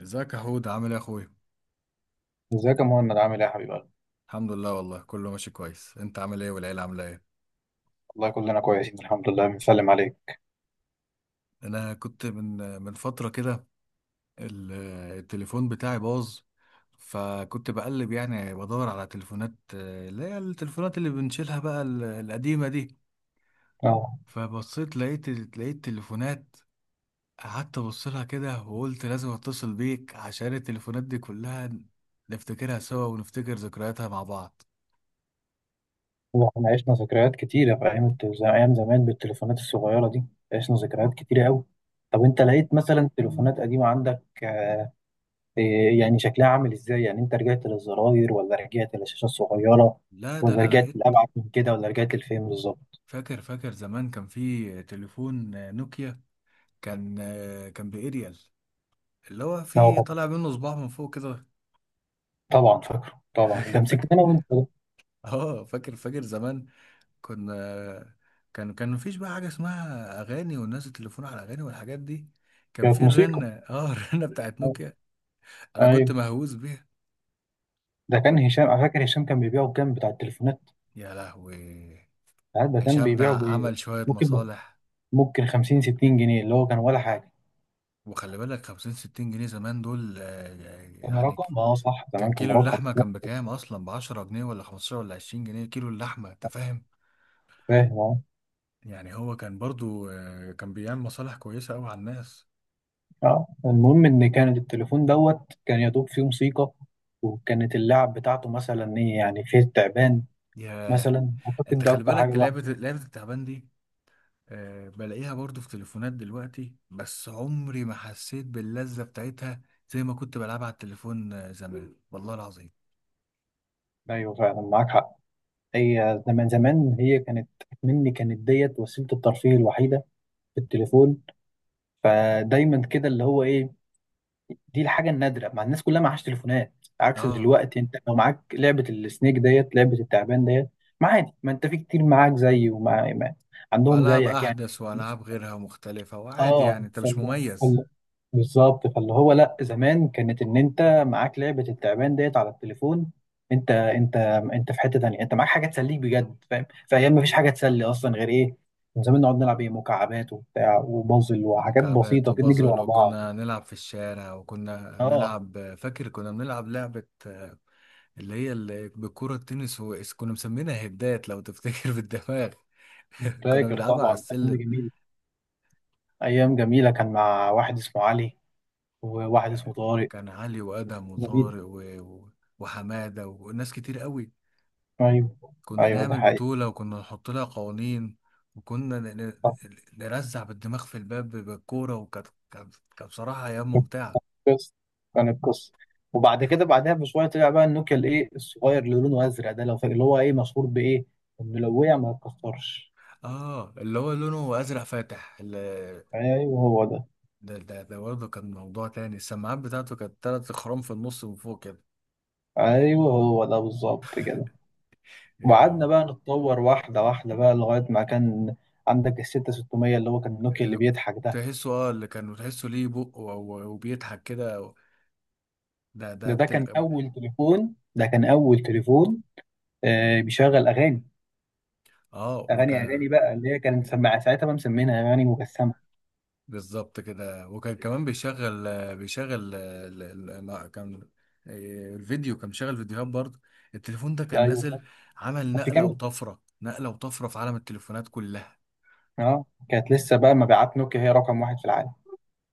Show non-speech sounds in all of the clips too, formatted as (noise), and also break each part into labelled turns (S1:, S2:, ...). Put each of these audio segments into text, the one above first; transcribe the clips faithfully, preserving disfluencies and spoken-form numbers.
S1: ازيك يا حود؟ عامل ايه يا اخويا؟
S2: ازيك يا مهند عامل ايه يا حبيب قلبي؟
S1: الحمد لله، والله كله ماشي كويس. انت عامل ايه؟ والعيله عامله ايه؟
S2: والله كلنا كويسين الحمد لله بنسلم عليك.
S1: انا كنت من من فتره كده. ال- التليفون بتاعي باظ. فكنت بقلب يعني بدور على تليفونات، آه، اللي هي التليفونات اللي بنشيلها بقى ال- القديمه دي.
S2: اه،
S1: فبصيت لقيت لقيت تليفونات. قعدت ابص لها كده وقلت لازم اتصل بيك عشان التليفونات دي كلها نفتكرها سوا ونفتكر ذكرياتها مع بعض.
S2: والله احنا عشنا ذكريات كتيرة في ايام الت- زي- ايام زمان بالتليفونات الصغيرة دي، عشنا ذكريات كتيرة قوي. طب
S1: ف-
S2: انت لقيت مثلا تليفونات قديمة عندك آه، إيه يعني شكلها عامل ازاي؟ يعني انت رجعت للزراير ولا رجعت للشاشة الصغيرة
S1: لا، ده
S2: ولا
S1: انا
S2: رجعت
S1: لقيت.
S2: لأبعد من كده ولا رجعت لفين بالظبط؟
S1: فاكر فاكر زمان كان في تليفون، آه، نوكيا. كان آه، كان بإيريال، اللي هو
S2: اه
S1: في
S2: طبعا،
S1: طالع منه صباع من فوق كده.
S2: طبعا فاكره
S1: (laughs)
S2: طبعا، ده
S1: فاكر فاكر،
S2: مسكناه وانت ده.
S1: اه فاكر فاكر زمان. كنا كان كان مفيش بقى حاجة اسمها أغاني، والناس التليفون على أغاني والحاجات دي. كان
S2: كانت
S1: في
S2: موسيقى.
S1: الرنة، اه (laughs) الرنة بتاعت نوكيا. أنا كنت
S2: ايوه،
S1: مهووس بيها.
S2: ده كان
S1: كنت،
S2: هشام، انا فاكر هشام كان بيبيعه بكام بتاع التليفونات،
S1: يا لهوي.
S2: ساعات ده كان
S1: هشام ده
S2: بيبيعه ب
S1: عمل شوية
S2: ممكن
S1: مصالح.
S2: ممكن خمسين ستين جنيه، اللي هو كان ولا حاجة.
S1: وخلي بالك خمسين ستين جنيه زمان دول، آه،
S2: كان
S1: يعني
S2: رقم اه صح، زمان
S1: كان
S2: كان
S1: كيلو
S2: رقم
S1: اللحمة كان
S2: آه،
S1: بكام أصلا؟ بعشرة جنيه ولا خمستاشر ولا عشرين جنيه كيلو اللحمة؟ أنت فاهم؟
S2: فاهم اه.
S1: يعني هو كان برضو، آه، كان بيعمل مصالح كويسة أوي على الناس.
S2: آه، المهم ان كان التليفون دوت كان يا دوب فيه موسيقى، وكانت اللعب بتاعته مثلا ايه؟ يعني فيه التعبان
S1: ياه.
S2: مثلا، اعتقد
S1: أنت
S2: ده
S1: خلي
S2: اكتر حاجة
S1: بالك
S2: الواحد.
S1: لعبة لعبة التعبان دي، آه، بلاقيها برضو في تليفونات دلوقتي بس عمري ما حسيت باللذة بتاعتها زي ما كنت بلعبها على التليفون، آه، زمان والله العظيم.
S2: ايوه فعلا معاك حق. هي زمان زمان هي كانت، مني كانت ديت وسيلة الترفيه الوحيدة في التليفون، فدايما كده اللي هو ايه، دي الحاجه النادره مع الناس كلها معهاش تليفونات، عكس
S1: اه،
S2: دلوقتي انت لو معاك لعبه السنيك ديت، لعبه التعبان ديت، ما عادي، ما انت في كتير معاك زي ومع ما- عندهم
S1: وألعاب
S2: زيك يعني.
S1: أحدث وألعاب غيرها مختلفة وعادي،
S2: اه
S1: يعني أنت مش
S2: فال...
S1: مميز.
S2: فال... بالظبط، فاللي هو لا زمان كانت ان انت معاك لعبه التعبان ديت على التليفون، انت انت انت في حته تانيه، انت معاك حاجه تسليك بجد، فاهم؟ في ايام ما فيش حاجه تسلي اصلا غير ايه، من زمان نقعد نلعب ايه، مكعبات وبتاع وبازل وحاجات
S1: مكعبات
S2: بسيطه كده، نجري
S1: وبازل،
S2: ورا بعض.
S1: وكنا نلعب في الشارع، وكنا
S2: اه
S1: نلعب. فاكر كنا بنلعب لعبة، آه، اللي هي اللي بالكرة التنس، وإس- كنا مسمينها هدات لو تفتكر، بالدماغ. (laughs) كنا
S2: فاكر
S1: بنلعبها على
S2: طبعا، ده كان
S1: السلم.
S2: جميل. ايام جميله، كان مع واحد اسمه علي وواحد اسمه
S1: ك-
S2: طارق.
S1: كان علي وأدم
S2: جميل.
S1: وطارق و... و- وحمادة وناس كتير قوي.
S2: ايوه
S1: كنا
S2: ايوه، ده
S1: نعمل
S2: حقيقي.
S1: بطولة وكنا نحط لها قوانين. وكنا ن... ن-
S2: صح.
S1: نرزع بالدماغ في الباب بالكورة. وكانت كانت كانت بصراحة أيام
S2: كانت
S1: ممتعة.
S2: قصه، كانت قصه. وبعد كده بعدها بشويه طلع بقى النوكيا الايه الصغير اللي لونه ازرق ده، لو فاكر، اللي هو ايه مشهور بايه، انه لو وقع ما يتكسرش.
S1: اه، اللي هو لونه ازرق فاتح.
S2: ايوه هو ده.
S1: ده ده ده برضه كان موضوع تاني. السماعات بتاعته كانت تلات خرام في النص من فوق كده.
S2: ايوه هو ده بالظبط كده.
S1: يا
S2: وقعدنا
S1: لهوي.
S2: بقى نتطور واحده واحده بقى لغايه ما كان عندك ال ستة وستين اللي هو كان النوكيا اللي
S1: اللي
S2: بيضحك ده.
S1: تحسه، اه، اللي كان تحسه ليه بق و- و- وبيضحك كده. ده ده
S2: ده ده
S1: تل...
S2: كان اول تليفون، ده كان اول تليفون آه، بيشغل اغاني،
S1: اه،
S2: اغاني
S1: وكان
S2: اغاني بقى اللي هي كانت سمع، ساعتها بقى مسمينها اغاني مجسمه.
S1: بالظبط كده. وكان كمان بيشغل آه، بيشغل آه، ال- ال- ما كان إيه، الفيديو. كان مشغل فيديوهات برضه. التليفون ده
S2: ده
S1: كان
S2: ايوه صح،
S1: نازل، عمل
S2: كانت في
S1: نقلة
S2: كاميرا.
S1: وطفرة، نقلة وطفرة في عالم التليفونات كلها.
S2: اه كانت لسه بقى مبيعات نوكيا هي رقم واحد في العالم.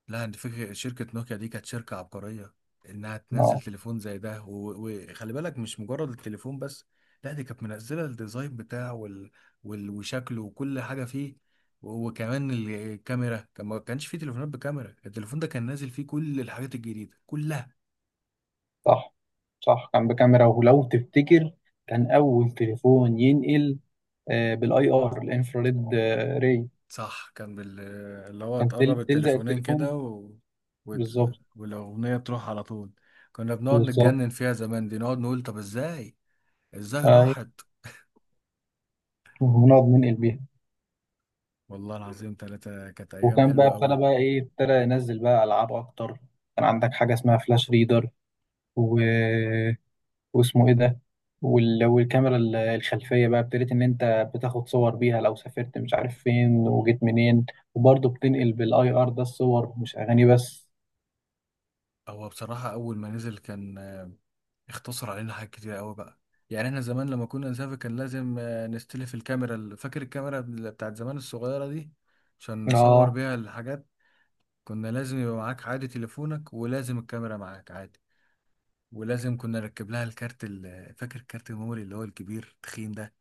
S1: لا، انت فكرة شركة نوكيا دي كانت شركة عبقرية، انها تنزل
S2: اه
S1: تليفون زي ده. و- وخلي بالك مش مجرد التليفون بس. لا، دي كانت منزلة الديزاين بتاعه وال... وال... وشكله وكل حاجة فيه. و- وكمان الكاميرا، كان ما كانش فيه تليفونات بكاميرا. التليفون ده كان نازل فيه كل الحاجات الجديدة كلها.
S2: صح. صح كان بكاميرا، ولو تفتكر كان اول تليفون ينقل آه، بالاي ار الانفراريد آه، ري،
S1: صح. كان بال... اللي هو
S2: كان
S1: تقرب
S2: تل- تلزق
S1: التليفونين
S2: التليفون
S1: كده و...
S2: بالظبط.
S1: وال... والأغنية تروح على طول. كنا بنقعد
S2: بالظبط
S1: نتجنن فيها زمان دي، نقعد نقول طب ازاي ازاي
S2: ايوه،
S1: راحت.
S2: ونقعد ننقل بيها.
S1: والله العظيم ثلاثة كانت أيام
S2: وكان بقى
S1: حلوة
S2: ابتدى
S1: أوي.
S2: بقى ايه، ابتدى ينزل بقى العاب اكتر. كان عندك حاجه اسمها فلاش ريدر، و واسمه ايه ده، وال- والكاميرا ال- الخلفيه بقى ابتديت ان انت بتاخد صور بيها لو سافرت مش عارف فين وجيت منين، وبرضه بتنقل بالاي ار ده الصور مش اغاني بس.
S1: هو بصراحة أول ما نزل كان، آه، اختصر علينا حاجات كتير أوي بقى. يعني احنا زمان لما كنا نسافر كان لازم، آه، نستلف الكاميرا، ال- فاكر الكاميرا، بال- بتاعت زمان الصغيرة دي عشان نصور
S2: اه
S1: بيها الحاجات. كنا لازم يبقى معاك عادي تليفونك ولازم الكاميرا معاك عادي. ولازم كنا نركب لها الكارت، ال- فاكر الكارت الميموري اللي هو الكبير التخين ده.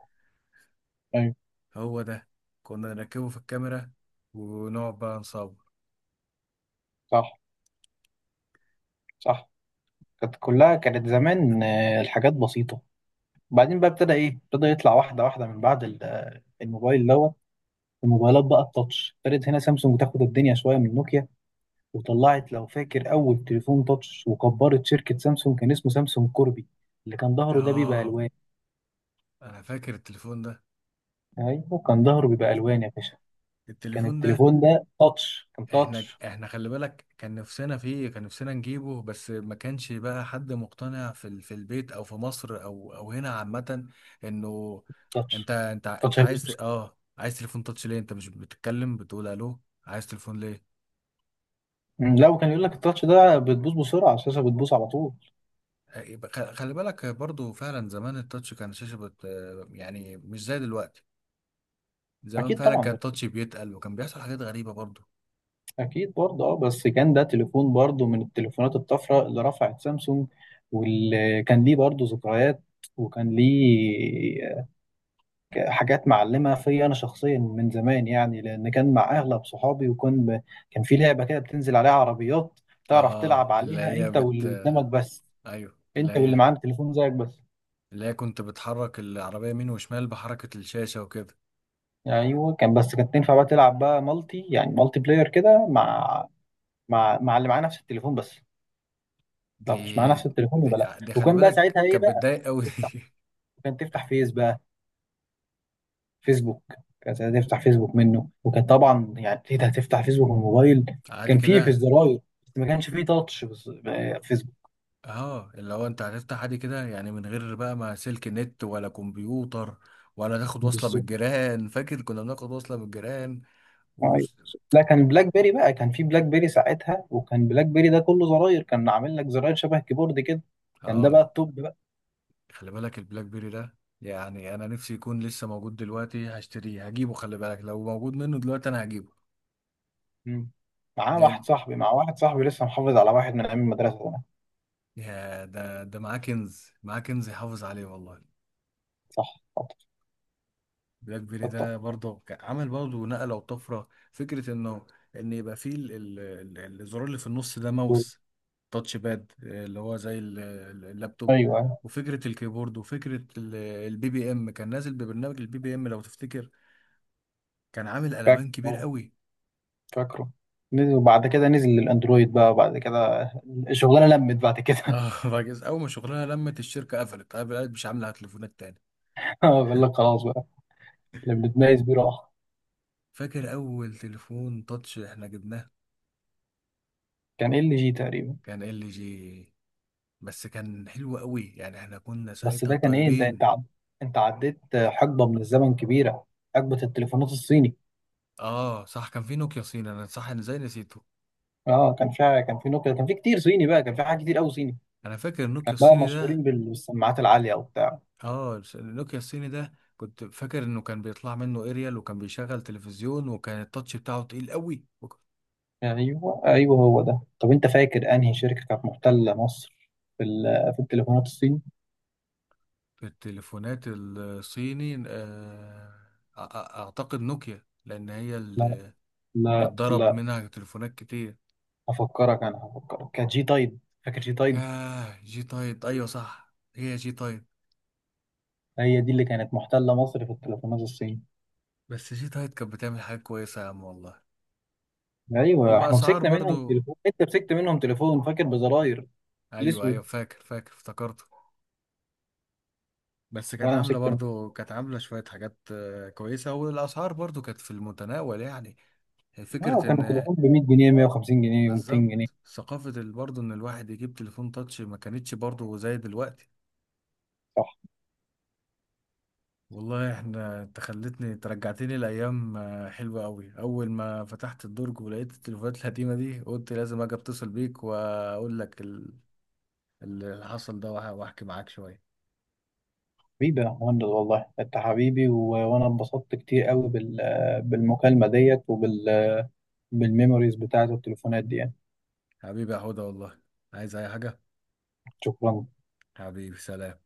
S2: ايوه
S1: هو ده. كنا نركبه في الكاميرا ونقعد بقى نصور.
S2: صح. صح كانت كلها كانت زمان آه، الحاجات بسيطه. بعدين بقى ابتدى ايه، ابتدى يطلع واحده واحده من بعد ال- آه، الموبايل دوت، الموبايلات بقى التاتش ابتدت، هنا سامسونج تاخد الدنيا شويه من نوكيا. وطلعت لو فاكر اول تليفون تاتش وكبرت شركه سامسونج، كان اسمه سامسونج كوربي، اللي كان ظهره ده بيبقى
S1: اه،
S2: الوان.
S1: انا فاكر التليفون ده.
S2: ايوه كان ظهره بيبقى الوان يا باشا. كان
S1: التليفون ده
S2: التليفون ده تاتش، كان
S1: احنا
S2: تاتش.
S1: احنا خلي بالك كان نفسنا فيه، كان نفسنا نجيبه، بس ما كانش بقى حد مقتنع في ال- في البيت او في مصر او او هنا عامة، انه انت
S2: تاتش،
S1: انت
S2: تاتش
S1: انت
S2: هيبوظ
S1: عايز ت-
S2: بسرعه.
S1: اه عايز تليفون تاتش ليه؟ انت مش بتتكلم بتقول الو؟ عايز تليفون ليه؟
S2: مم، لا وكان يقول لك التاتش ده بتبوظ بسرعه، الشاشه بتبوظ على طول.
S1: آه، يبقى خ- خلي بالك برضو فعلا زمان التاتش كان شاشة بت آه، يعني مش زي دلوقتي. زمان
S2: اكيد
S1: فعلا
S2: طبعا،
S1: كان التاتش بيتقل وكان بيحصل حاجات غريبة برضو.
S2: اكيد برضه اه. بس كان ده تليفون برضه من التليفونات الطفره اللي رفعت سامسونج، واللي كان ليه برضه ذكريات، وكان ليه حاجات معلمه فيا انا شخصيا من زمان يعني، لان كان مع اغلب صحابي. وكان كان في لعبه كده بتنزل عليها عربيات، تعرف
S1: اه،
S2: تلعب
S1: اللي
S2: عليها
S1: هي
S2: انت
S1: بت
S2: واللي
S1: آه،
S2: قدامك بس،
S1: ايوه، اللي
S2: انت واللي
S1: هي
S2: معاك تليفون زيك بس.
S1: اللي هي كنت بتحرك العربية يمين وشمال بحركة الشاشة وكده.
S2: يعني ايوه كان، بس كانت تنفع بقى تلعب بقى مالتي، يعني مالتي بلاير كده، مع مع مع اللي معاه نفس التليفون بس. لو مش معاه
S1: دي
S2: نفس التليفون
S1: دي,
S2: يبقى لا.
S1: دي خلي
S2: وكان بقى
S1: بالك
S2: ساعتها ايه
S1: كانت
S2: بقى
S1: بتضايق قوي
S2: تفتح،
S1: دي.
S2: كان تفتح فيس بقى، فيسبوك. كان ساعتها تفتح فيسبوك منه، وكان طبعا يعني ايه ده، هتفتح فيسبوك من الموبايل؟
S1: (laughs) عادي
S2: كان فيه في
S1: كده.
S2: الزراير، بس ما كانش فيه تاتش، بس آه، فيسبوك.
S1: اه، اللي هو انت هتفتح عادي كده، يعني من غير بقى ما سلك نت ولا كمبيوتر ولا تاخد وصلة من
S2: بالظبط.
S1: الجيران. فاكر كنا بناخد وصلة من الجيران و...
S2: ايوه لا كان بلاك بيري بقى، كان فيه بلاك بيري ساعتها، وكان بلاك بيري ده كله زراير، كان عامل لك زراير شبه كيبورد كده، كان ده
S1: اه،
S2: بقى التوب.
S1: خلي بالك البلاك بيري ده، يعني انا نفسي يكون لسه موجود دلوقتي هشتريه هجيبه. خلي بالك لو موجود منه دلوقتي انا هجيبه،
S2: مم. معاه
S1: لان
S2: واحد صاحبي مع واحد صاحبي لسه محافظ على واحد من ايام المدرسه زمان.
S1: يا ده ده معاه كنز، معاه كنز يحافظ عليه والله.
S2: صح خطر.
S1: بلاك بيري
S2: خطر.
S1: ده برضه كان عمل برضه نقلة وطفرة. فكرة انه ان يبقى فيه ال- ال- ال- الزرار اللي في النص ده ماوس، تاتش باد، آه، اللي هو زي ال- ال- اللابتوب.
S2: ايوه أيوه.
S1: وفكرة الكيبورد، وفكرة ال- البي بي ام. كان نازل ببرنامج البي بي ام لو تفتكر. كان عامل
S2: فاكره
S1: قلبان كبير
S2: أه،
S1: قوي.
S2: فاكره. نزل وبعد كده نزل للاندرويد بقى، وبعد كده الشغلانه لمت بعد كده.
S1: اه (laughs) راجل، اول ما شغلها لمت الشركة، قفلت قفلت، مش عاملة على تليفونات تاني.
S2: (laughs) بقول لك خلاص بقى، اللي بنتميز بيه راح.
S1: فاكر اول تليفون تاتش احنا جبناه
S2: كان ال جي تقريبا.
S1: كان ال جي. بس كان حلو قوي، يعني احنا كنا
S2: بس
S1: ساعتها
S2: ده كان ايه، انت انت
S1: طايرين.
S2: عد... انت عديت حقبه من الزمن كبيره، حقبه التليفونات الصيني.
S1: اه صح، كان في نوكيا صيني، انا صح انا زي نسيته.
S2: اه كان فيها، كان في نوكيا، كان في كتير صيني بقى، كان في حاجات كتير قوي صيني.
S1: انا فاكر
S2: كان
S1: النوكيا
S2: بقى
S1: الصيني ده.
S2: مشهورين بالسماعات العاليه وبتاع.
S1: اه، النوكيا الصيني ده كنت فاكر انه كان بيطلع منه اريال وكان بيشغل تلفزيون وكان التاتش بتاعه تقيل قوي. وك-
S2: ايوه ايوه هو ده. طب انت فاكر انهي شركه كانت محتله مصر في ال- في التليفونات الصين؟
S1: في التليفونات الصيني، آه أ- أ- اعتقد نوكيا، لان هي
S2: لا
S1: اللي
S2: لا
S1: اتضرب
S2: لا
S1: منها تليفونات كتير.
S2: هفكرك، انا هفكرك، كانت جي تايد، فاكر جي تايد؟
S1: ياه، جي تايد، ايوه صح هي جي تايد.
S2: هي دي اللي كانت محتله مصر في التليفونات الصين.
S1: بس جي تايد كانت بتعمل حاجات كويسة يا عم والله،
S2: ايوه احنا
S1: وبأسعار
S2: مسكنا منهم
S1: برضو.
S2: تليفون، انت مسكت منهم تليفون فاكر بزراير،
S1: ايوه
S2: الاسود.
S1: ايوه، فاكر فاكر افتكرت. بس كانت
S2: وانا
S1: عاملة
S2: مسكت منهم،
S1: برضو، كانت عاملة شوية حاجات، آه، كويسة، والأسعار برضو كانت في المتناول يعني.
S2: اه
S1: فكرة
S2: كان
S1: إن
S2: التليفون ب مية جنيه، مية وخمسين جنيه، و200 جنيه.
S1: بالظبط، ثقافة ال- برضو إن الواحد يجيب تليفون تاتش ما كانتش برضو زي دلوقتي.
S2: صح.
S1: والله احنا، انت خلتني ترجعتني لأيام، آه، حلوة أوي، أول ما فتحت الدرج ولقيت التليفونات القديمة دي قلت لازم أجي أتصل بيك وأقول لك ال- اللي حصل ده، وأح- وأحكي معاك شوية.
S2: حبيبي يا مهند والله، انت حبيبي، و... وانا اتبسطت كتير قوي بال... بالمكالمه ديت وبال بالميموريز بتاعت التليفونات دي يعني.
S1: حبيبي يا هدى والله، عايز أي حاجة؟
S2: شكرا
S1: حبيبي سلام.